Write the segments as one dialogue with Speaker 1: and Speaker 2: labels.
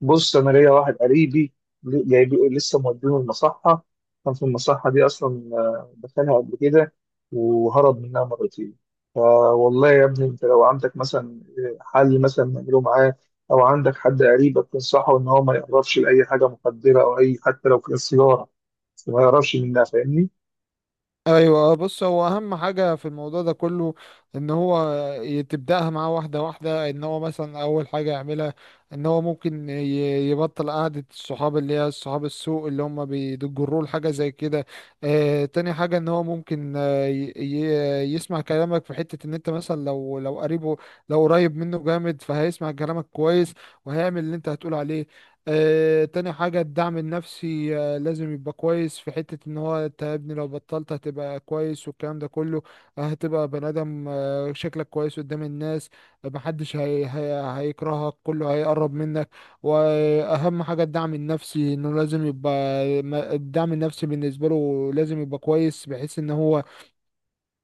Speaker 1: بص، انا ليا واحد قريبي جايب لسه مودينه المصحه. كان في المصحه دي اصلا، دخلها قبل كده وهرب منها مرتين. فوالله يا ابني، انت لو عندك مثلا حل مثلا نعمله معاه، او عندك حد قريبك تنصحه ان هو ما يقربش لاي حاجه مخدره او اي حتى لو كان سيجاره، بس ما يقربش منها. فاهمني؟
Speaker 2: ايوه. بص، هو اهم حاجه في الموضوع ده كله ان هو تبداها معاه واحده واحده. ان هو مثلا اول حاجه يعملها ان هو ممكن يبطل قعده الصحاب اللي هي الصحاب السوء اللي هم بيجروا لحاجه زي كده. تاني حاجه ان هو ممكن يسمع كلامك في حته ان انت مثلا لو قريبه، لو قريب منه جامد فهيسمع كلامك كويس وهيعمل اللي انت هتقول عليه. تاني حاجة الدعم النفسي، لازم يبقى كويس في حتة ان هو انت يا ابني لو بطلت هتبقى كويس والكلام ده كله. هتبقى بني ادم، شكلك كويس قدام الناس. محدش هي هي هيكرهك، كله هيقرب منك. واهم حاجة الدعم النفسي انه لازم يبقى، الدعم النفسي بالنسبة له لازم يبقى كويس بحيث ان هو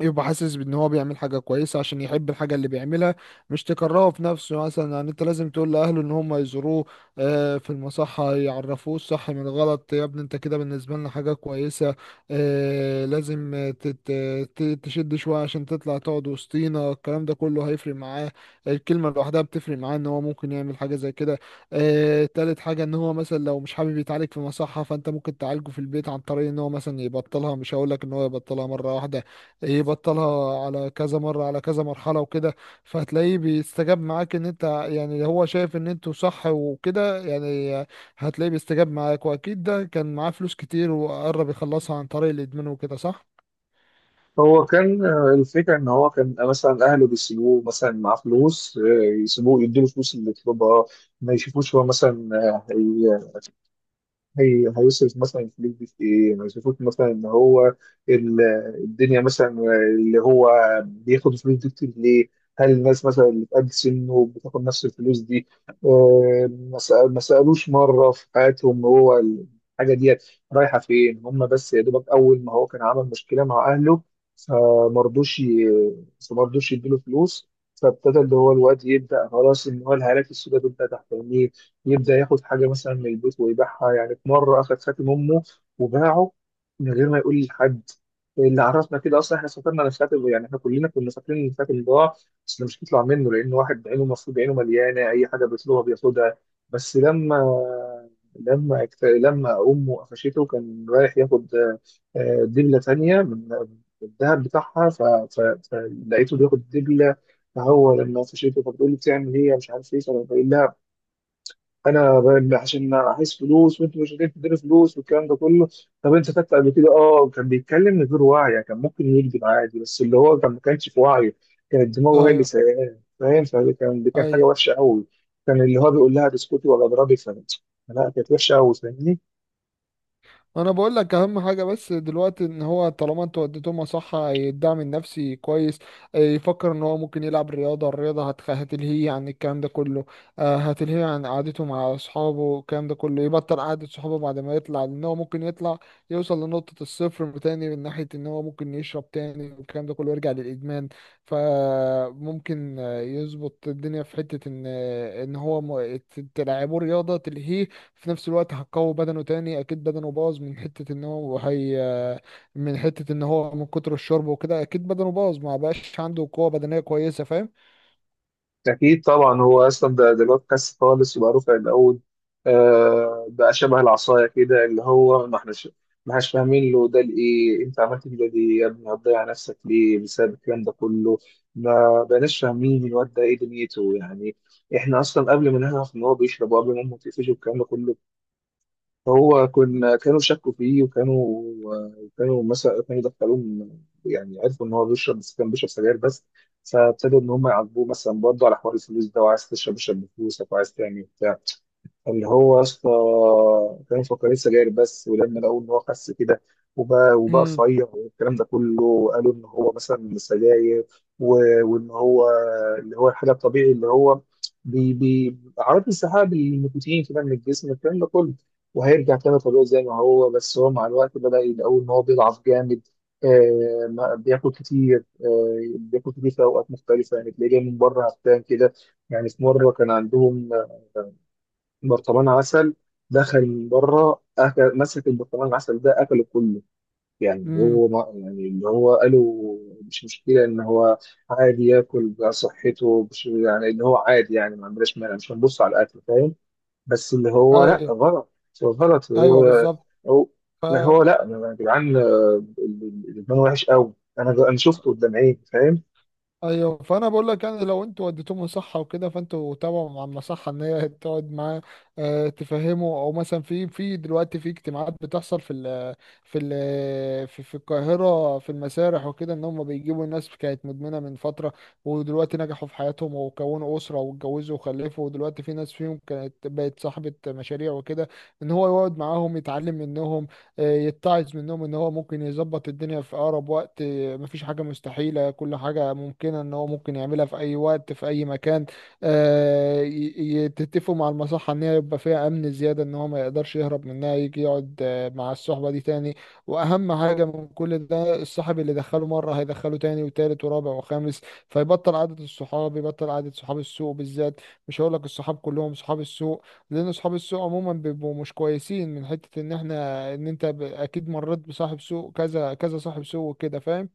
Speaker 2: يبقى حاسس بان هو بيعمل حاجه كويسه عشان يحب الحاجه اللي بيعملها، مش تكرهه في نفسه. مثلا يعني انت لازم تقول لاهله ان هم يزوروه في المصحه، يعرفوه الصح من الغلط. يا ابني انت كده بالنسبه لنا حاجه كويسه، لازم تشد شويه عشان تطلع تقعد وسطينا. الكلام ده كله هيفرق معاه، الكلمه لوحدها بتفرق معاه ان هو ممكن يعمل حاجه زي كده. تالت حاجه ان هو مثلا لو مش حابب يتعالج في مصحه فانت ممكن تعالجه في البيت عن طريق ان هو مثلا يبطلها. مش هقول لك ان هو يبطلها مره واحده، ايه بطلها على كذا مرة، على كذا مرحلة وكده. فهتلاقيه بيستجاب معاك، ان انت يعني هو شايف ان انتوا صح وكده يعني. هتلاقيه بيستجاب معاك، واكيد ده كان معاه فلوس كتير وقرب يخلصها عن طريق الادمان وكده، صح؟
Speaker 1: هو كان، الفكره ان هو كان مثلا اهله بيسيبوه مثلا معاه فلوس، يسيبوه يديله فلوس اللي يطلبها. ما يشوفوش هو مثلا آه، هيصرف مثلا الفلوس دي في ايه؟ ما يصرفوش مثلا ان هو ال- الدنيا مثلا، اللي هو بياخد الفلوس دي كتير ليه؟ هل الناس مثلا اللي في قد سنه بتاخد نفس الفلوس دي؟ ما سألوش مرة في حياتهم هو الحاجة دي رايحة فين؟ هم بس يا دوبك أول ما هو كان عمل مشكلة مع أهله فمرضوش ي- فمرضوش يديله فلوس، فابتدى اللي هو الواد يبدأ خلاص إن هو الهالات السوداء تبدأ تحت عينيه. يبدأ ياخد حاجة مثلا من البيت ويبيعها، يعني في مرة أخد خاتم أمه وباعه من غير ما يقول لحد. اللي عرفنا كده أصلا إحنا سافرنا الخاتم، يعني إحنا كلنا كنا فاكرين إن الخاتم ضاع. بس ده مش هيطلع منه، لأن واحد عينه المفروض عينه مليانة، أي حاجة بيطلبها بياخدها. بس لما أمه قفشته كان رايح ياخد دبلة تانية من الذهب بتاعها، فلقيته بياخد دبلة. فهو لما قفشته فبتقول لي بتعمل إيه مش عارف إيه، فأنا بقول لها: انا عشان عايز فلوس وانتوا مش قادرين تديني فلوس والكلام ده كله. طب انت خدت قبل كده؟ اه كان بيتكلم من غير وعي، يعني كان ممكن يكذب عادي، بس اللي هو كان ما كانش في وعيه. كانت دماغه هي اللي
Speaker 2: ايوه،
Speaker 1: سايقاه، فاهم؟ فكان دي كان حاجه
Speaker 2: ايوه.
Speaker 1: وحشه قوي. كان اللي هو بيقول لها بسكوتي ولا اضربي فلا. لا، كانت وحشه قوي. فاهمني؟
Speaker 2: انا بقول لك اهم حاجه بس دلوقتي، ان هو طالما انتوا وديتهم صح الدعم النفسي كويس، يفكر ان هو ممكن يلعب رياضه. الرياضه هتلهيه عن الكلام ده كله، هتلهيه عن قعدته مع اصحابه والكلام ده كله. يبطل قعده صحابه بعد ما يطلع، لان هو ممكن يطلع يوصل لنقطه الصفر تاني من ناحيه ان هو ممكن يشرب تاني والكلام ده كله يرجع للادمان. فممكن يظبط الدنيا في حته ان تلعبه رياضه تلهيه. في نفس الوقت هتقوي بدنه تاني، اكيد بدنه باظ من حتة ان هو من كتر الشرب وكده اكيد بدنه باظ، ما بقاش عنده قوة بدنية كويسة، فاهم؟
Speaker 1: أكيد طبعا، هو أصلا ده بودكاست خالص وبقى رفع العود، بقى شبه العصاية كده، اللي هو ما احناش فاهمين له ده لإيه. أنت عملت كده ليه يا ابني؟ هتضيع نفسك ليه بسبب الكلام ده كله؟ ما بقناش فاهمين الواد ده إيه دنيته يعني. إحنا أصلا قبل ما نعرف إن هو بيشرب وقبل ما أمه تقفشه والكلام ده كله، هو كنا كانوا شكوا فيه وكانوا، مثلا كانوا يعني عرفوا ان هو بيشرب، بس كان بيشرب سجاير بس. فابتدوا ان هم يعاقبوه مثلا برضه على حوار الفلوس ده، وعايز تشرب اشرب بفلوسك، وعايز تعمل بتاع اللي هو يا اسطى. كانوا مفكرين سجاير بس، ولما لقوا ان هو خس كده وبقى
Speaker 2: امم.
Speaker 1: رفيع والكلام ده كله، وقالوا ان هو مثلا سجاير وان هو اللي هو الحاجه الطبيعي، اللي هو بي بي اعراض انسحاب النيكوتين كده من الجسم، الكلام ده كله، وهيرجع تاني طبيعي زي ما هو. بس هو مع الوقت بدأ يلاقوا ان هو بيضعف جامد، بياكل كتير، بياكل كتير في اوقات مختلفه، يعني تلاقيه جاي من بره هفتان كده. يعني في مره كان عندهم برطمان عسل، دخل من بره أكل، مسك البرطمان العسل ده أكله كله. يعني
Speaker 2: امم.
Speaker 1: هو، ما يعني اللي هو قالوا مش مشكلة إن هو عادي ياكل بقى صحته، مش يعني إن هو عادي، يعني ما عندناش مانع، مش هنبص على الأكل. فاهم؟ بس اللي هو لأ،
Speaker 2: ايوه،
Speaker 1: غلط. هو غلط.
Speaker 2: ايوه،
Speaker 1: هو
Speaker 2: بالظبط.
Speaker 1: هو
Speaker 2: ف،
Speaker 1: ما هو لأ يا جدعان، الإدمان وحش قوي. أنا شفته قدام عيني. فاهم؟
Speaker 2: ايوه، فانا بقول لك يعني لو انتوا وديتوه مصحه وكده، فانتوا تابعوا مع المصحه ان هي تقعد معاه، تفهمه. او مثلا في في دلوقتي في اجتماعات بتحصل في في القاهره في المسارح وكده، ان هم بيجيبوا الناس كانت مدمنه من فتره، ودلوقتي نجحوا في حياتهم وكونوا اسره واتجوزوا وخلفوا. ودلوقتي في ناس فيهم كانت بقت صاحبه مشاريع وكده. ان هو يقعد معاهم يتعلم منهم، يتعظ منهم ان هو ممكن يظبط الدنيا في اقرب وقت. مفيش حاجة مستحيلة، كل حاجة ممكنة ان هو ممكن يعملها في اي وقت في اي مكان. آه، ي- تتفقوا مع المصحة ان هي يبقى فيها امن زيادة، ان هو ما يقدرش يهرب منها يجي يقعد مع الصحبة دي تاني. واهم حاجة من كل ده، الصاحب اللي دخله مرة هيدخله تاني وتالت ورابع وخامس، فيبطل عادة الصحاب، يبطل عادة صحاب السوق بالذات. مش هقول لك الصحاب كلهم صحاب السوق، لان صحاب السوق عموما بيبقوا مش كويسين، من حتة ان احنا ان انت اكيد مريت بصاحب سوء، كذا كذا صاحب سوء كده، فاهم؟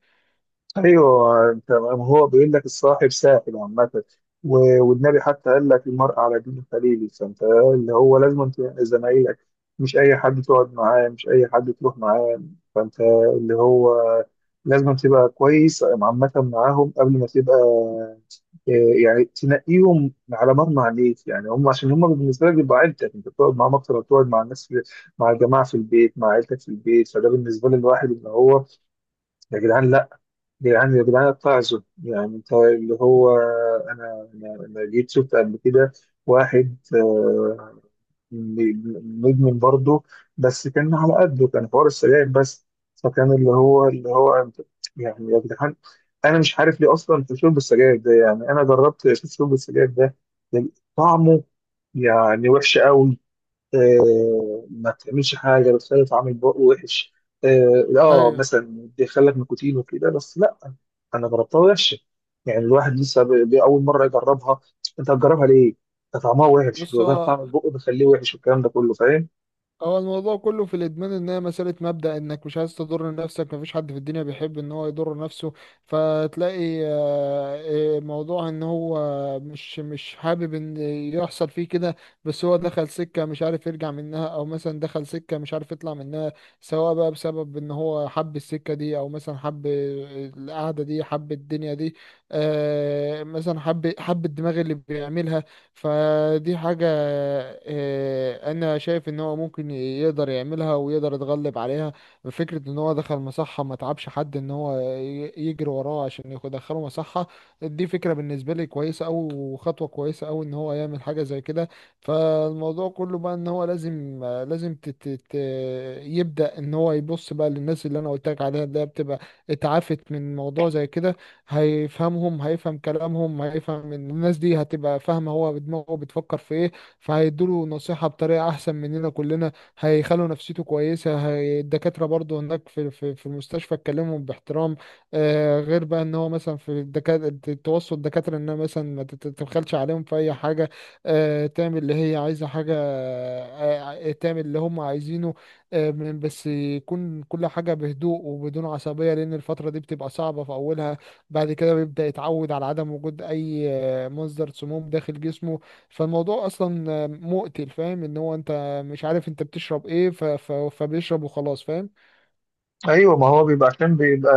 Speaker 1: ايوه، انت هو بيقول لك الصاحب ساحب عامه، والنبي حتى قال لك المرء على دين خليله. فانت اللي هو لازم أنت يعني زمايلك، مش اي حد تقعد معاه، مش اي حد تروح معاه. فانت اللي هو لازم تبقى كويس عامه معاهم قبل ما تبقى، آه، يعني تنقيهم على مرمى عليك، يعني هم عشان هم بالنسبه لك بيبقى عيلتك، انت بتقعد معاهم اكتر ما بتقعد مع الناس في، مع الجماعه في البيت، مع عيلتك في البيت. فده بالنسبه للواحد ان هو يا جدعان، يعني يا جدعان اتعظوا. يعني انت اللي هو، انا انا أنا جيت شفت قبل كده واحد مدمن برضه، بس كان على قده، كان حوار السجاير بس. فكان اللي هو يعني يا جدعان، انا مش عارف ليه اصلا في شرب السجاير ده. يعني انا جربت اشوف شرب السجاير ده طعمه، يعني وحش قوي. ما تعملش حاجه بتخلي طعم البق وحش.
Speaker 2: ايوه.
Speaker 1: مثلا بيخلك نيكوتين وكده، بس لا، انا جربتها وحشه. يعني الواحد لسه اول مره يجربها، انت هتجربها ليه؟ ده طعمها وحش،
Speaker 2: بص،
Speaker 1: بيغير
Speaker 2: هو
Speaker 1: طعم البق بيخليه وحش والكلام ده كله. فاهم؟
Speaker 2: هو الموضوع كله في الادمان ان هي مساله مبدا، انك مش عايز تضر نفسك، مفيش حد في الدنيا بيحب ان هو يضر نفسه. فتلاقي موضوع ان هو مش حابب ان يحصل فيه كده. بس هو دخل سكه مش عارف يرجع منها، او مثلا دخل سكه مش عارف يطلع منها، سواء بقى بسبب ان هو حب السكه دي او مثلا حب القعده دي، حب الدنيا دي، مثلا حب الدماغ اللي بيعملها. فدي حاجة، أنا شايف إن هو ممكن يقدر يعملها ويقدر يتغلب عليها. فكرة إن هو دخل مصحة، ما تعبش حد إن هو يجري وراه عشان يدخله مصحة، دي فكرة بالنسبة لي كويسة أوي وخطوة كويسة أوي إن هو يعمل حاجة زي كده. فالموضوع كله بقى إن هو لازم لازم تت تت يبدأ إن هو يبص بقى للناس اللي أنا قلت لك عليها، اللي هي بتبقى اتعافت من موضوع زي كده. هيفهمهم، هيفهم كلامهم، هيفهم إن الناس دي هتبقى فاهمة هو دماغه بتفكر في ايه، فهيدوله نصيحة بطريقة احسن مننا كلنا. هيخلوا نفسيته كويسة. هي الدكاترة برضو هناك في المستشفى اتكلمهم باحترام. غير بقى ان هو مثلا في الدكاترة، توصل الدكاترة انها مثلا ما تتدخلش عليهم في اي حاجة، تعمل اللي هي عايزة حاجة. تعمل اللي هم عايزينه. بس يكون كل حاجة بهدوء وبدون عصبية، لأن الفترة دي بتبقى صعبة في أولها. بعد كده بيبدأ يتعود على عدم وجود أي مصدر سموم داخل جسمه. فالموضوع أصلا مقتل، فاهم؟ إن هو أنت مش عارف أنت بتشرب إيه فبيشرب وخلاص، فاهم؟
Speaker 1: ايوه، ما هو بيبقى عشان بيبقى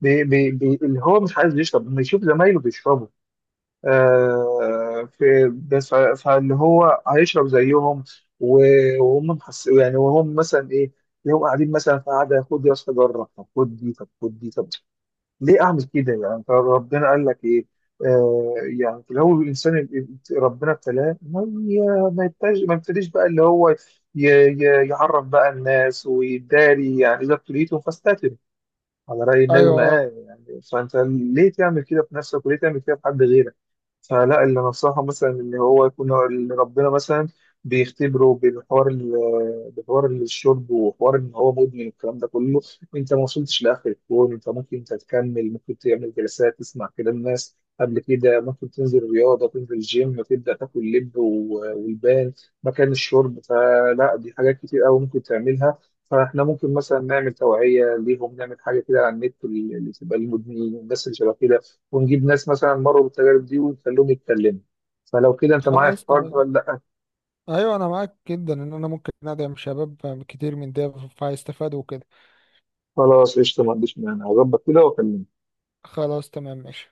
Speaker 1: بي بي بي اللي هو مش عايز يشرب، لما يشوف زمايله بيشربوا في، بس فاللي هو هيشرب زيهم. وهم محس يعني، وهم مثلا ايه يوم قاعدين مثلا في قعده: خد يا اسطى جرب، طب خد دي، طب خد دي، طب ليه اعمل كده يعني؟ انت ربنا قال لك ايه؟ آه يعني في الاول الانسان ربنا ابتلاه، ما يبتديش بقى اللي هو يعرف بقى الناس ويداري. يعني اذا ابتليتم فاستتب، على رأي النبي
Speaker 2: أيوه، أه.
Speaker 1: معاه. يعني فأنت ليه تعمل كده في نفسك وليه تعمل كده في حد غيرك؟ فلا، اللي نصحه مثلا إن هو يكون اللي ربنا مثلا بيختبره بالحوار بحوار الشرب وحوار إن هو مدمن والكلام ده كله. أنت ما وصلتش لآخر الكون، أنت ممكن تتكمل، ممكن تعمل جلسات تسمع كلام الناس قبل كده، ممكن تنزل رياضة، تنزل الجيم، تبدأ تاكل لب والبان مكان الشرب. فلا، دي حاجات كتير أوي ممكن تعملها. فاحنا ممكن مثلا نعمل توعيه ليهم، نعمل حاجه كده على النت اللي تبقى للمدمنين والناس اللي شبه كده، ونجيب ناس مثلا مروا بالتجارب دي ونخليهم يتكلموا. فلو كده، انت معايا في
Speaker 2: خلاص،
Speaker 1: الحوار ده
Speaker 2: تمام.
Speaker 1: ولا لا؟
Speaker 2: أيوه، أنا معاك جدا إن أنا ممكن أدعم شباب كتير من ده فهيستفادوا وكده.
Speaker 1: خلاص، قشطه، ما عنديش مانع، هظبط كده واكلمك.
Speaker 2: خلاص، تمام، ماشي.